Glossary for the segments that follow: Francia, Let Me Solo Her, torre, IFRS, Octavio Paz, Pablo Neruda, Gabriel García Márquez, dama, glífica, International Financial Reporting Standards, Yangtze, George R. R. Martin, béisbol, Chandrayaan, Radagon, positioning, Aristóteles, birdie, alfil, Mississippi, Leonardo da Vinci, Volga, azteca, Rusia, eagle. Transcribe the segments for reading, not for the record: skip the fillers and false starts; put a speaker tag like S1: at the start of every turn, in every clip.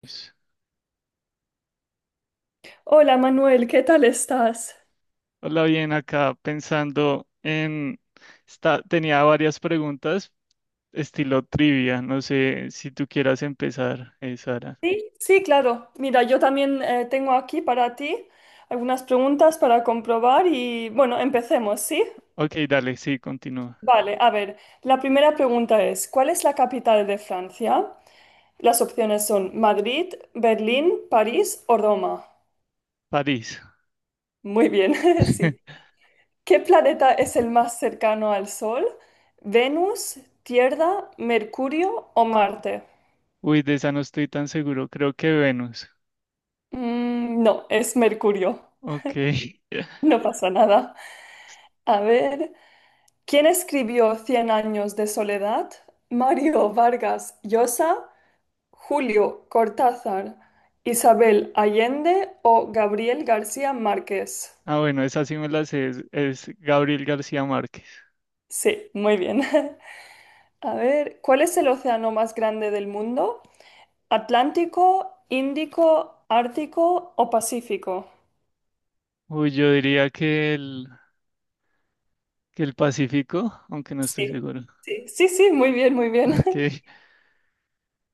S1: Pues,
S2: Hola Manuel, ¿qué tal estás?
S1: hola, bien, acá pensando en tenía varias preguntas, estilo trivia. No sé si tú quieras empezar, Sara.
S2: Sí, sí, claro. Mira, yo también tengo aquí para ti algunas preguntas para comprobar y bueno, empecemos, ¿sí?
S1: Ok, dale, sí, continúa.
S2: Vale, a ver, la primera pregunta es, ¿cuál es la capital de Francia? Las opciones son Madrid, Berlín, París o Roma.
S1: París.
S2: Muy bien, sí. ¿Qué planeta es el más cercano al Sol? ¿Venus, Tierra, Mercurio o Marte?
S1: Uy, de esa no estoy tan seguro. Creo que Venus.
S2: Mm, no, es Mercurio.
S1: Ok.
S2: No pasa nada. A ver, ¿quién escribió Cien años de soledad? Mario Vargas Llosa, Julio Cortázar, Isabel Allende o Gabriel García Márquez.
S1: Ah, bueno, esa sí me la sé. Es Gabriel García Márquez.
S2: Sí, muy bien. A ver, ¿cuál es el océano más grande del mundo? ¿Atlántico, Índico, Ártico o Pacífico?
S1: Uy, yo diría que el Pacífico, aunque no estoy
S2: Sí,
S1: seguro.
S2: sí, sí, sí, muy bien, muy bien.
S1: Ok.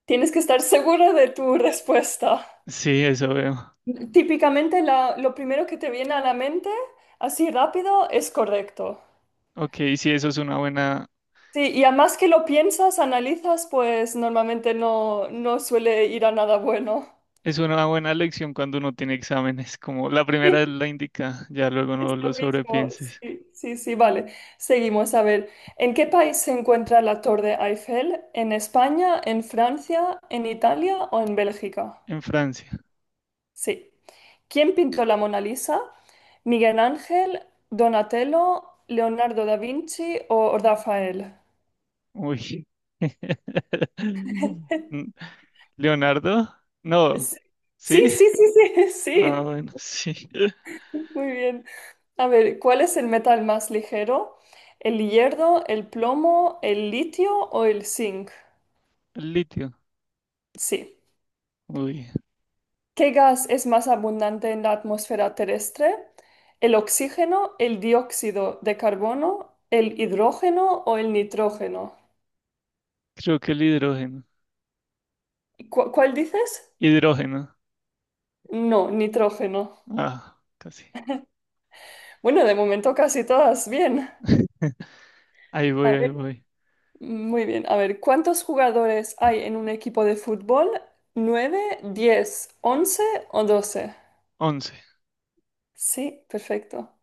S2: Tienes que estar seguro de tu respuesta.
S1: Sí, eso veo.
S2: Típicamente lo primero que te viene a la mente, así rápido, es correcto.
S1: Ok, sí, eso es una buena.
S2: Sí, y a más que lo piensas, analizas, pues normalmente no, no suele ir a nada bueno.
S1: Es una buena lección cuando uno tiene exámenes, como la primera es
S2: Sí,
S1: la indica, ya luego
S2: es
S1: no
S2: lo
S1: lo
S2: mismo.
S1: sobrepienses.
S2: Sí, sí, sí, vale. Seguimos. A ver, ¿en qué país se encuentra la Torre Eiffel? ¿En España, en Francia, en Italia o en Bélgica?
S1: En Francia.
S2: Sí. ¿Quién pintó la Mona Lisa? ¿Miguel Ángel, Donatello, Leonardo da Vinci o Rafael?
S1: Uy. Mm, Leonardo, no.
S2: Sí, sí,
S1: ¿Sí?
S2: sí, sí, sí,
S1: Ah,
S2: sí.
S1: bueno, sí.
S2: Muy bien. A ver, ¿cuál es el metal más ligero? ¿El hierro, el plomo, el litio o el zinc?
S1: El litio.
S2: Sí.
S1: Uy,
S2: ¿Qué gas es más abundante en la atmósfera terrestre? ¿El oxígeno, el dióxido de carbono, el hidrógeno o el nitrógeno?
S1: creo que el hidrógeno.
S2: ¿Cuál dices?
S1: Hidrógeno.
S2: No, nitrógeno.
S1: Ah, casi.
S2: Bueno, de momento casi todas bien.
S1: Ahí voy,
S2: A
S1: ahí
S2: ver,
S1: voy.
S2: muy bien, a ver, ¿cuántos jugadores hay en un equipo de fútbol? ¿Nueve, diez, once o doce?
S1: 11.
S2: Sí, perfecto.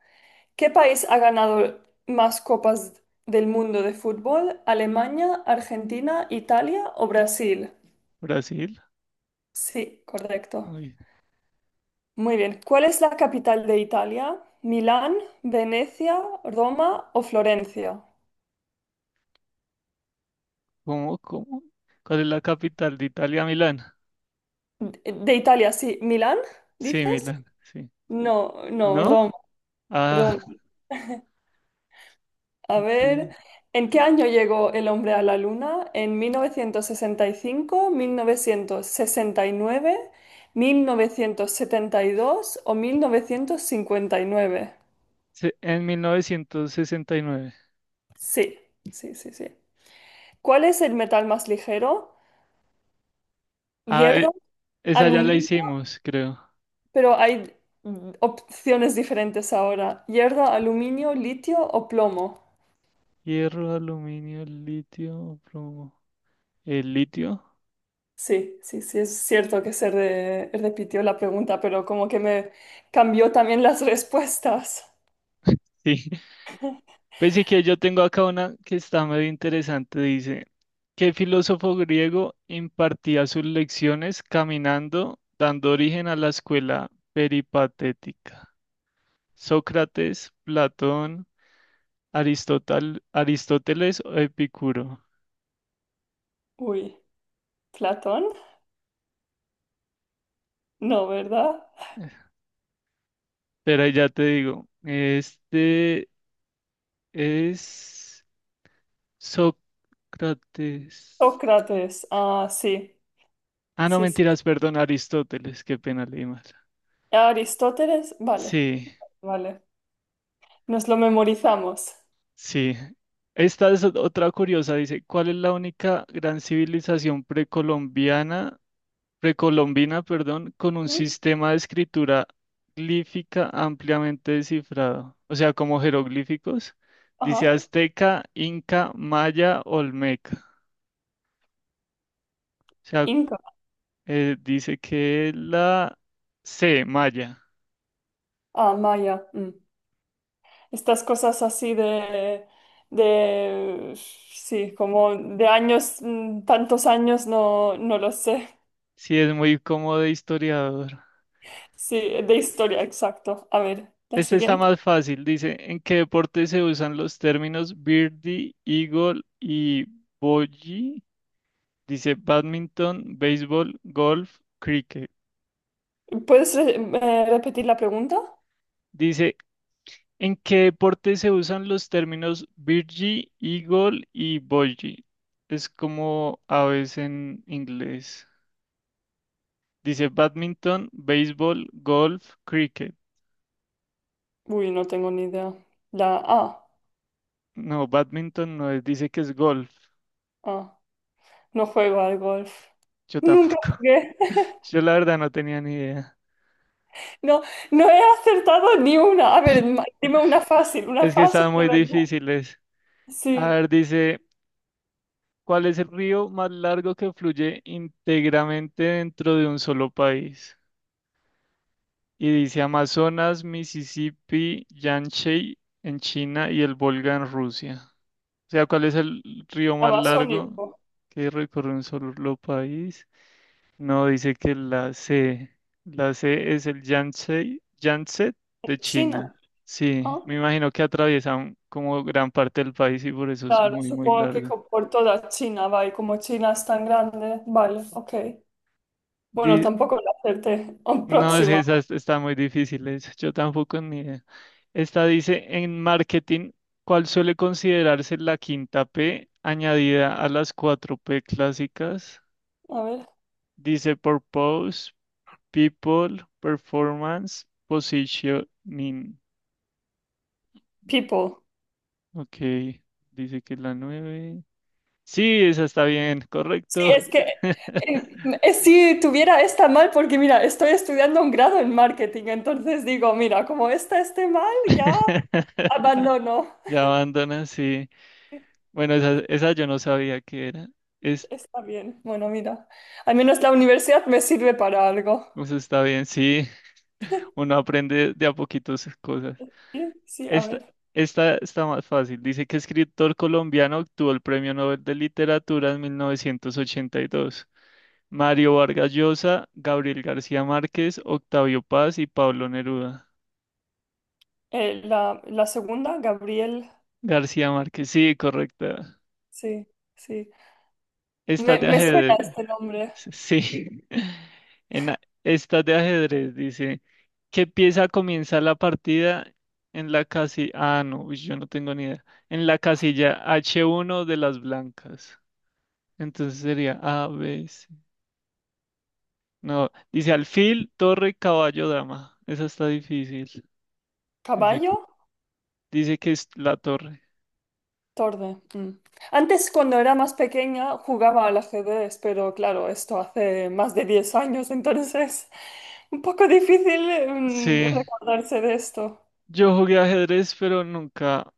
S2: ¿Qué país ha ganado más copas del mundo de fútbol? ¿Alemania, Argentina, Italia o Brasil?
S1: Brasil.
S2: Sí, correcto.
S1: Uy,
S2: Muy bien, ¿cuál es la capital de Italia? ¿Milán, Venecia, Roma o Florencia?
S1: ¿cómo, cómo? ¿Cuál es la capital de Italia? Milán.
S2: De Italia, sí. ¿Milán,
S1: Sí,
S2: dices?
S1: Milán, sí.
S2: No, no, Roma,
S1: ¿No? Ah,
S2: Roma. A ver,
S1: ok.
S2: ¿en qué año llegó el hombre a la luna? ¿En 1965, 1969, 1972 o 1959?
S1: En 1969.
S2: Sí, sí, sí, sí. ¿Cuál es el metal más ligero?
S1: Ah,
S2: Hierro,
S1: esa ya la
S2: aluminio,
S1: hicimos, creo.
S2: pero hay opciones diferentes ahora. Hierro, aluminio, litio o plomo.
S1: Hierro, aluminio, litio, plomo. ¿El litio?
S2: Sí, sí, sí, es cierto que se repitió la pregunta, pero como que me cambió también las respuestas.
S1: Sí. Pensé que yo tengo acá una que está medio interesante. Dice, ¿qué filósofo griego impartía sus lecciones caminando, dando origen a la escuela peripatética? ¿Sócrates, Platón, Aristóteles o Epicuro?
S2: Uy, Platón, no, ¿verdad?
S1: Pero ahí ya te digo, este. Es Sócrates.
S2: Sócrates, ah, sí,
S1: Ah, no,
S2: sí, sí.
S1: mentiras, perdón, Aristóteles, qué pena leí mal.
S2: Aristóteles, vale,
S1: Sí,
S2: vale. Nos lo memorizamos.
S1: sí. Esta es otra curiosa, dice, ¿cuál es la única gran civilización precolombina, perdón, con un
S2: ¿Mm?
S1: sistema de escritura glífica ampliamente descifrado? O sea, como jeroglíficos. Dice
S2: Ajá.
S1: azteca, inca, maya, olmeca. O sea,
S2: Inca,
S1: dice que la C, maya.
S2: ah, Maya. Mm. Estas cosas así sí, como de años, tantos años, no, no lo sé.
S1: Sí, es muy cómodo de historiador.
S2: Sí, de historia, exacto. A ver, la
S1: Este está
S2: siguiente.
S1: más fácil. Dice, ¿en qué deporte se usan los términos birdie, eagle y bogey? Dice, badminton, béisbol, golf, cricket.
S2: ¿Puedes repetir la pregunta?
S1: Dice, ¿en qué deporte se usan los términos birdie, eagle y bogey? Es como aves en inglés. Dice, badminton, béisbol, golf, cricket.
S2: Uy, no tengo ni idea. La A.
S1: No, badminton no es, dice que es golf.
S2: Ah, no juego al golf.
S1: Yo
S2: Nunca
S1: tampoco.
S2: jugué.
S1: Yo la verdad no tenía ni idea.
S2: No, no he acertado ni una. A ver, dime una
S1: Es que
S2: fácil
S1: están
S2: de
S1: muy
S2: verdad.
S1: difíciles. A
S2: Sí,
S1: ver, dice, ¿cuál es el río más largo que fluye íntegramente dentro de un solo país? Y dice Amazonas, Mississippi, Yangtze en China y el Volga en Rusia. O sea, ¿cuál es el río más largo
S2: amazónico.
S1: que recorre un solo país? No, dice que la C es el Yangtze de China.
S2: China.
S1: Sí,
S2: Ah,
S1: me imagino que atraviesa como gran parte del país y por eso es
S2: claro,
S1: muy, muy
S2: supongo que
S1: largo.
S2: por toda China va y como China es tan grande, vale, ok. Bueno,
S1: Di-
S2: tampoco la acerté. Ah,
S1: no, es que
S2: próxima.
S1: esas están muy difíciles. Yo tampoco ni idea. Esta dice, en marketing, ¿cuál suele considerarse la quinta P añadida a las cuatro P clásicas?
S2: A ver.
S1: Dice purpose, people, performance, positioning.
S2: People.
S1: Ok, dice que es la 9. Sí, esa está bien,
S2: Sí,
S1: correcto.
S2: es que si tuviera esta mal, porque mira, estoy estudiando un grado en marketing, entonces digo, mira, como esta esté mal, ya abandono.
S1: Ya abandona, sí.
S2: Sí,
S1: Bueno, esa yo no sabía que era. Es,
S2: está bien, bueno, mira, al menos la universidad me sirve para algo.
S1: eso está bien, sí. Uno aprende de a poquito sus cosas.
S2: Sí, sí, a
S1: Esta,
S2: ver.
S1: esta está más fácil. Dice que escritor colombiano obtuvo el Premio Nobel de Literatura en 1982. Mario Vargas Llosa, Gabriel García Márquez, Octavio Paz y Pablo Neruda.
S2: La segunda, Gabriel,
S1: García Márquez, sí, correcto.
S2: sí, sí.
S1: Estás
S2: Me,
S1: de
S2: me suena
S1: ajedrez.
S2: este nombre.
S1: Sí. En estás de ajedrez, dice. ¿Qué pieza comienza la partida en la casilla? Ah, no, uy, yo no tengo ni idea. En la casilla H1 de las blancas. Entonces sería A, B, C. No, dice alfil, torre, caballo, dama. Esa está difícil. Dice,
S2: ¿Caballo?
S1: dice que es la torre.
S2: Torre. Mm. Antes, cuando era más pequeña, jugaba al ajedrez, pero claro, esto hace más de 10 años, entonces un poco difícil
S1: Sí,
S2: recordarse de esto.
S1: yo jugué ajedrez, pero nunca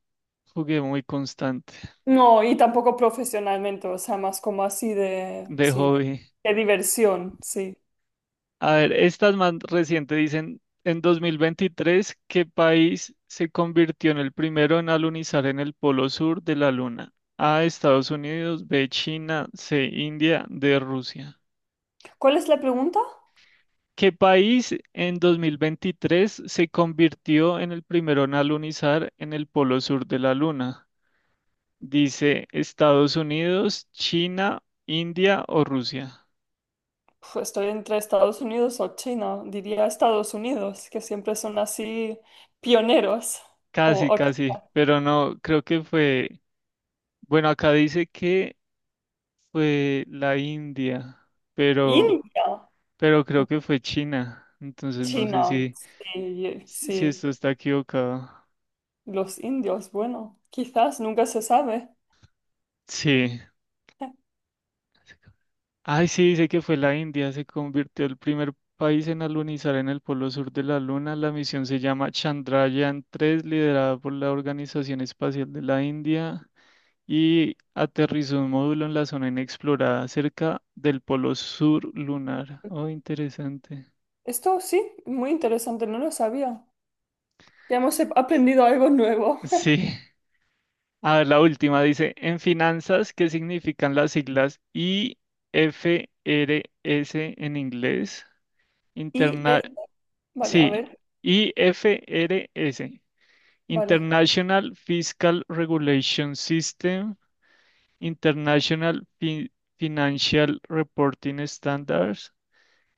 S1: jugué muy constante
S2: No, y tampoco profesionalmente, o sea, más como así de,
S1: de
S2: sí,
S1: hobby.
S2: de diversión, sí.
S1: A ver, estas más recientes dicen, en 2023, ¿qué país se convirtió en el primero en alunizar en el polo sur de la Luna? A, Estados Unidos, B, China, C, India, D, Rusia.
S2: ¿Cuál es la pregunta?
S1: ¿Qué país en 2023 se convirtió en el primero en alunizar en el polo sur de la Luna? Dice Estados Unidos, China, India o Rusia.
S2: Uf, estoy entre Estados Unidos o China. Diría Estados Unidos, que siempre son así pioneros. O,
S1: Casi,
S2: o
S1: casi, pero no, creo que fue... Bueno, acá dice que fue la India, pero,
S2: India,
S1: pero creo que fue China. Entonces no sé
S2: China,
S1: si,
S2: sí,
S1: si
S2: sí.
S1: esto está equivocado.
S2: Los indios, bueno, quizás nunca se sabe.
S1: Sí. Ay, sí, dice que fue la India. Se convirtió el primer país en alunizar en el polo sur de la Luna. La misión se llama Chandrayaan 3, liderada por la Organización Espacial de la India. Y aterrizó un módulo en la zona inexplorada cerca del polo sur lunar. Oh, interesante.
S2: Esto sí, muy interesante, no lo sabía. Ya hemos aprendido algo nuevo.
S1: Sí. A ver, la última dice, en finanzas, ¿qué significan las siglas IFRS en inglés?
S2: Y
S1: Interna
S2: es... Vale, a
S1: sí,
S2: ver,
S1: IFRS,
S2: vale.
S1: International Fiscal Regulation System, International Fin- Financial Reporting Standards,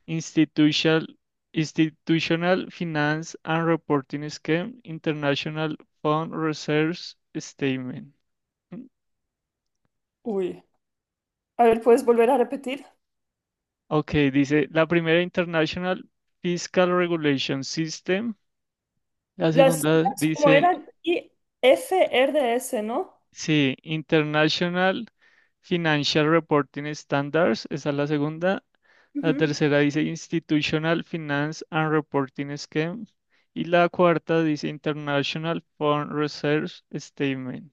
S1: Institutional, Institutional Finance and Reporting Scheme, International Fund Reserves Statement.
S2: Uy. A ver, ¿puedes volver a repetir?
S1: Ok, dice la primera International Fiscal Regulation System, la
S2: Las
S1: segunda
S2: siglas, ¿cómo
S1: dice,
S2: eran? IFRS, ¿no?
S1: sí, International Financial Reporting Standards, esa es la segunda, la
S2: Ujú.
S1: tercera dice Institutional Finance and Reporting Scheme y la cuarta dice International fund Reserve Statement.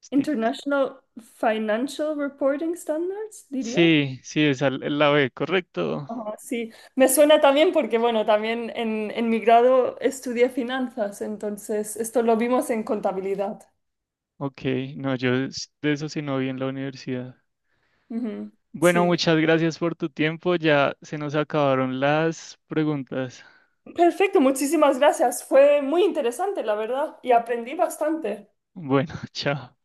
S1: Sti-
S2: International Financial Reporting Standards, diría.
S1: Sí, sí, esa es la B, correcto.
S2: Ajá, sí, me suena también porque, bueno, también en mi grado estudié finanzas, entonces esto lo vimos en contabilidad.
S1: Ok, no, yo de eso sí no vi en la universidad.
S2: Ujú,
S1: Bueno,
S2: sí.
S1: muchas gracias por tu tiempo. Ya se nos acabaron las preguntas.
S2: Perfecto, muchísimas gracias. Fue muy interesante, la verdad, y aprendí bastante.
S1: Bueno, chao.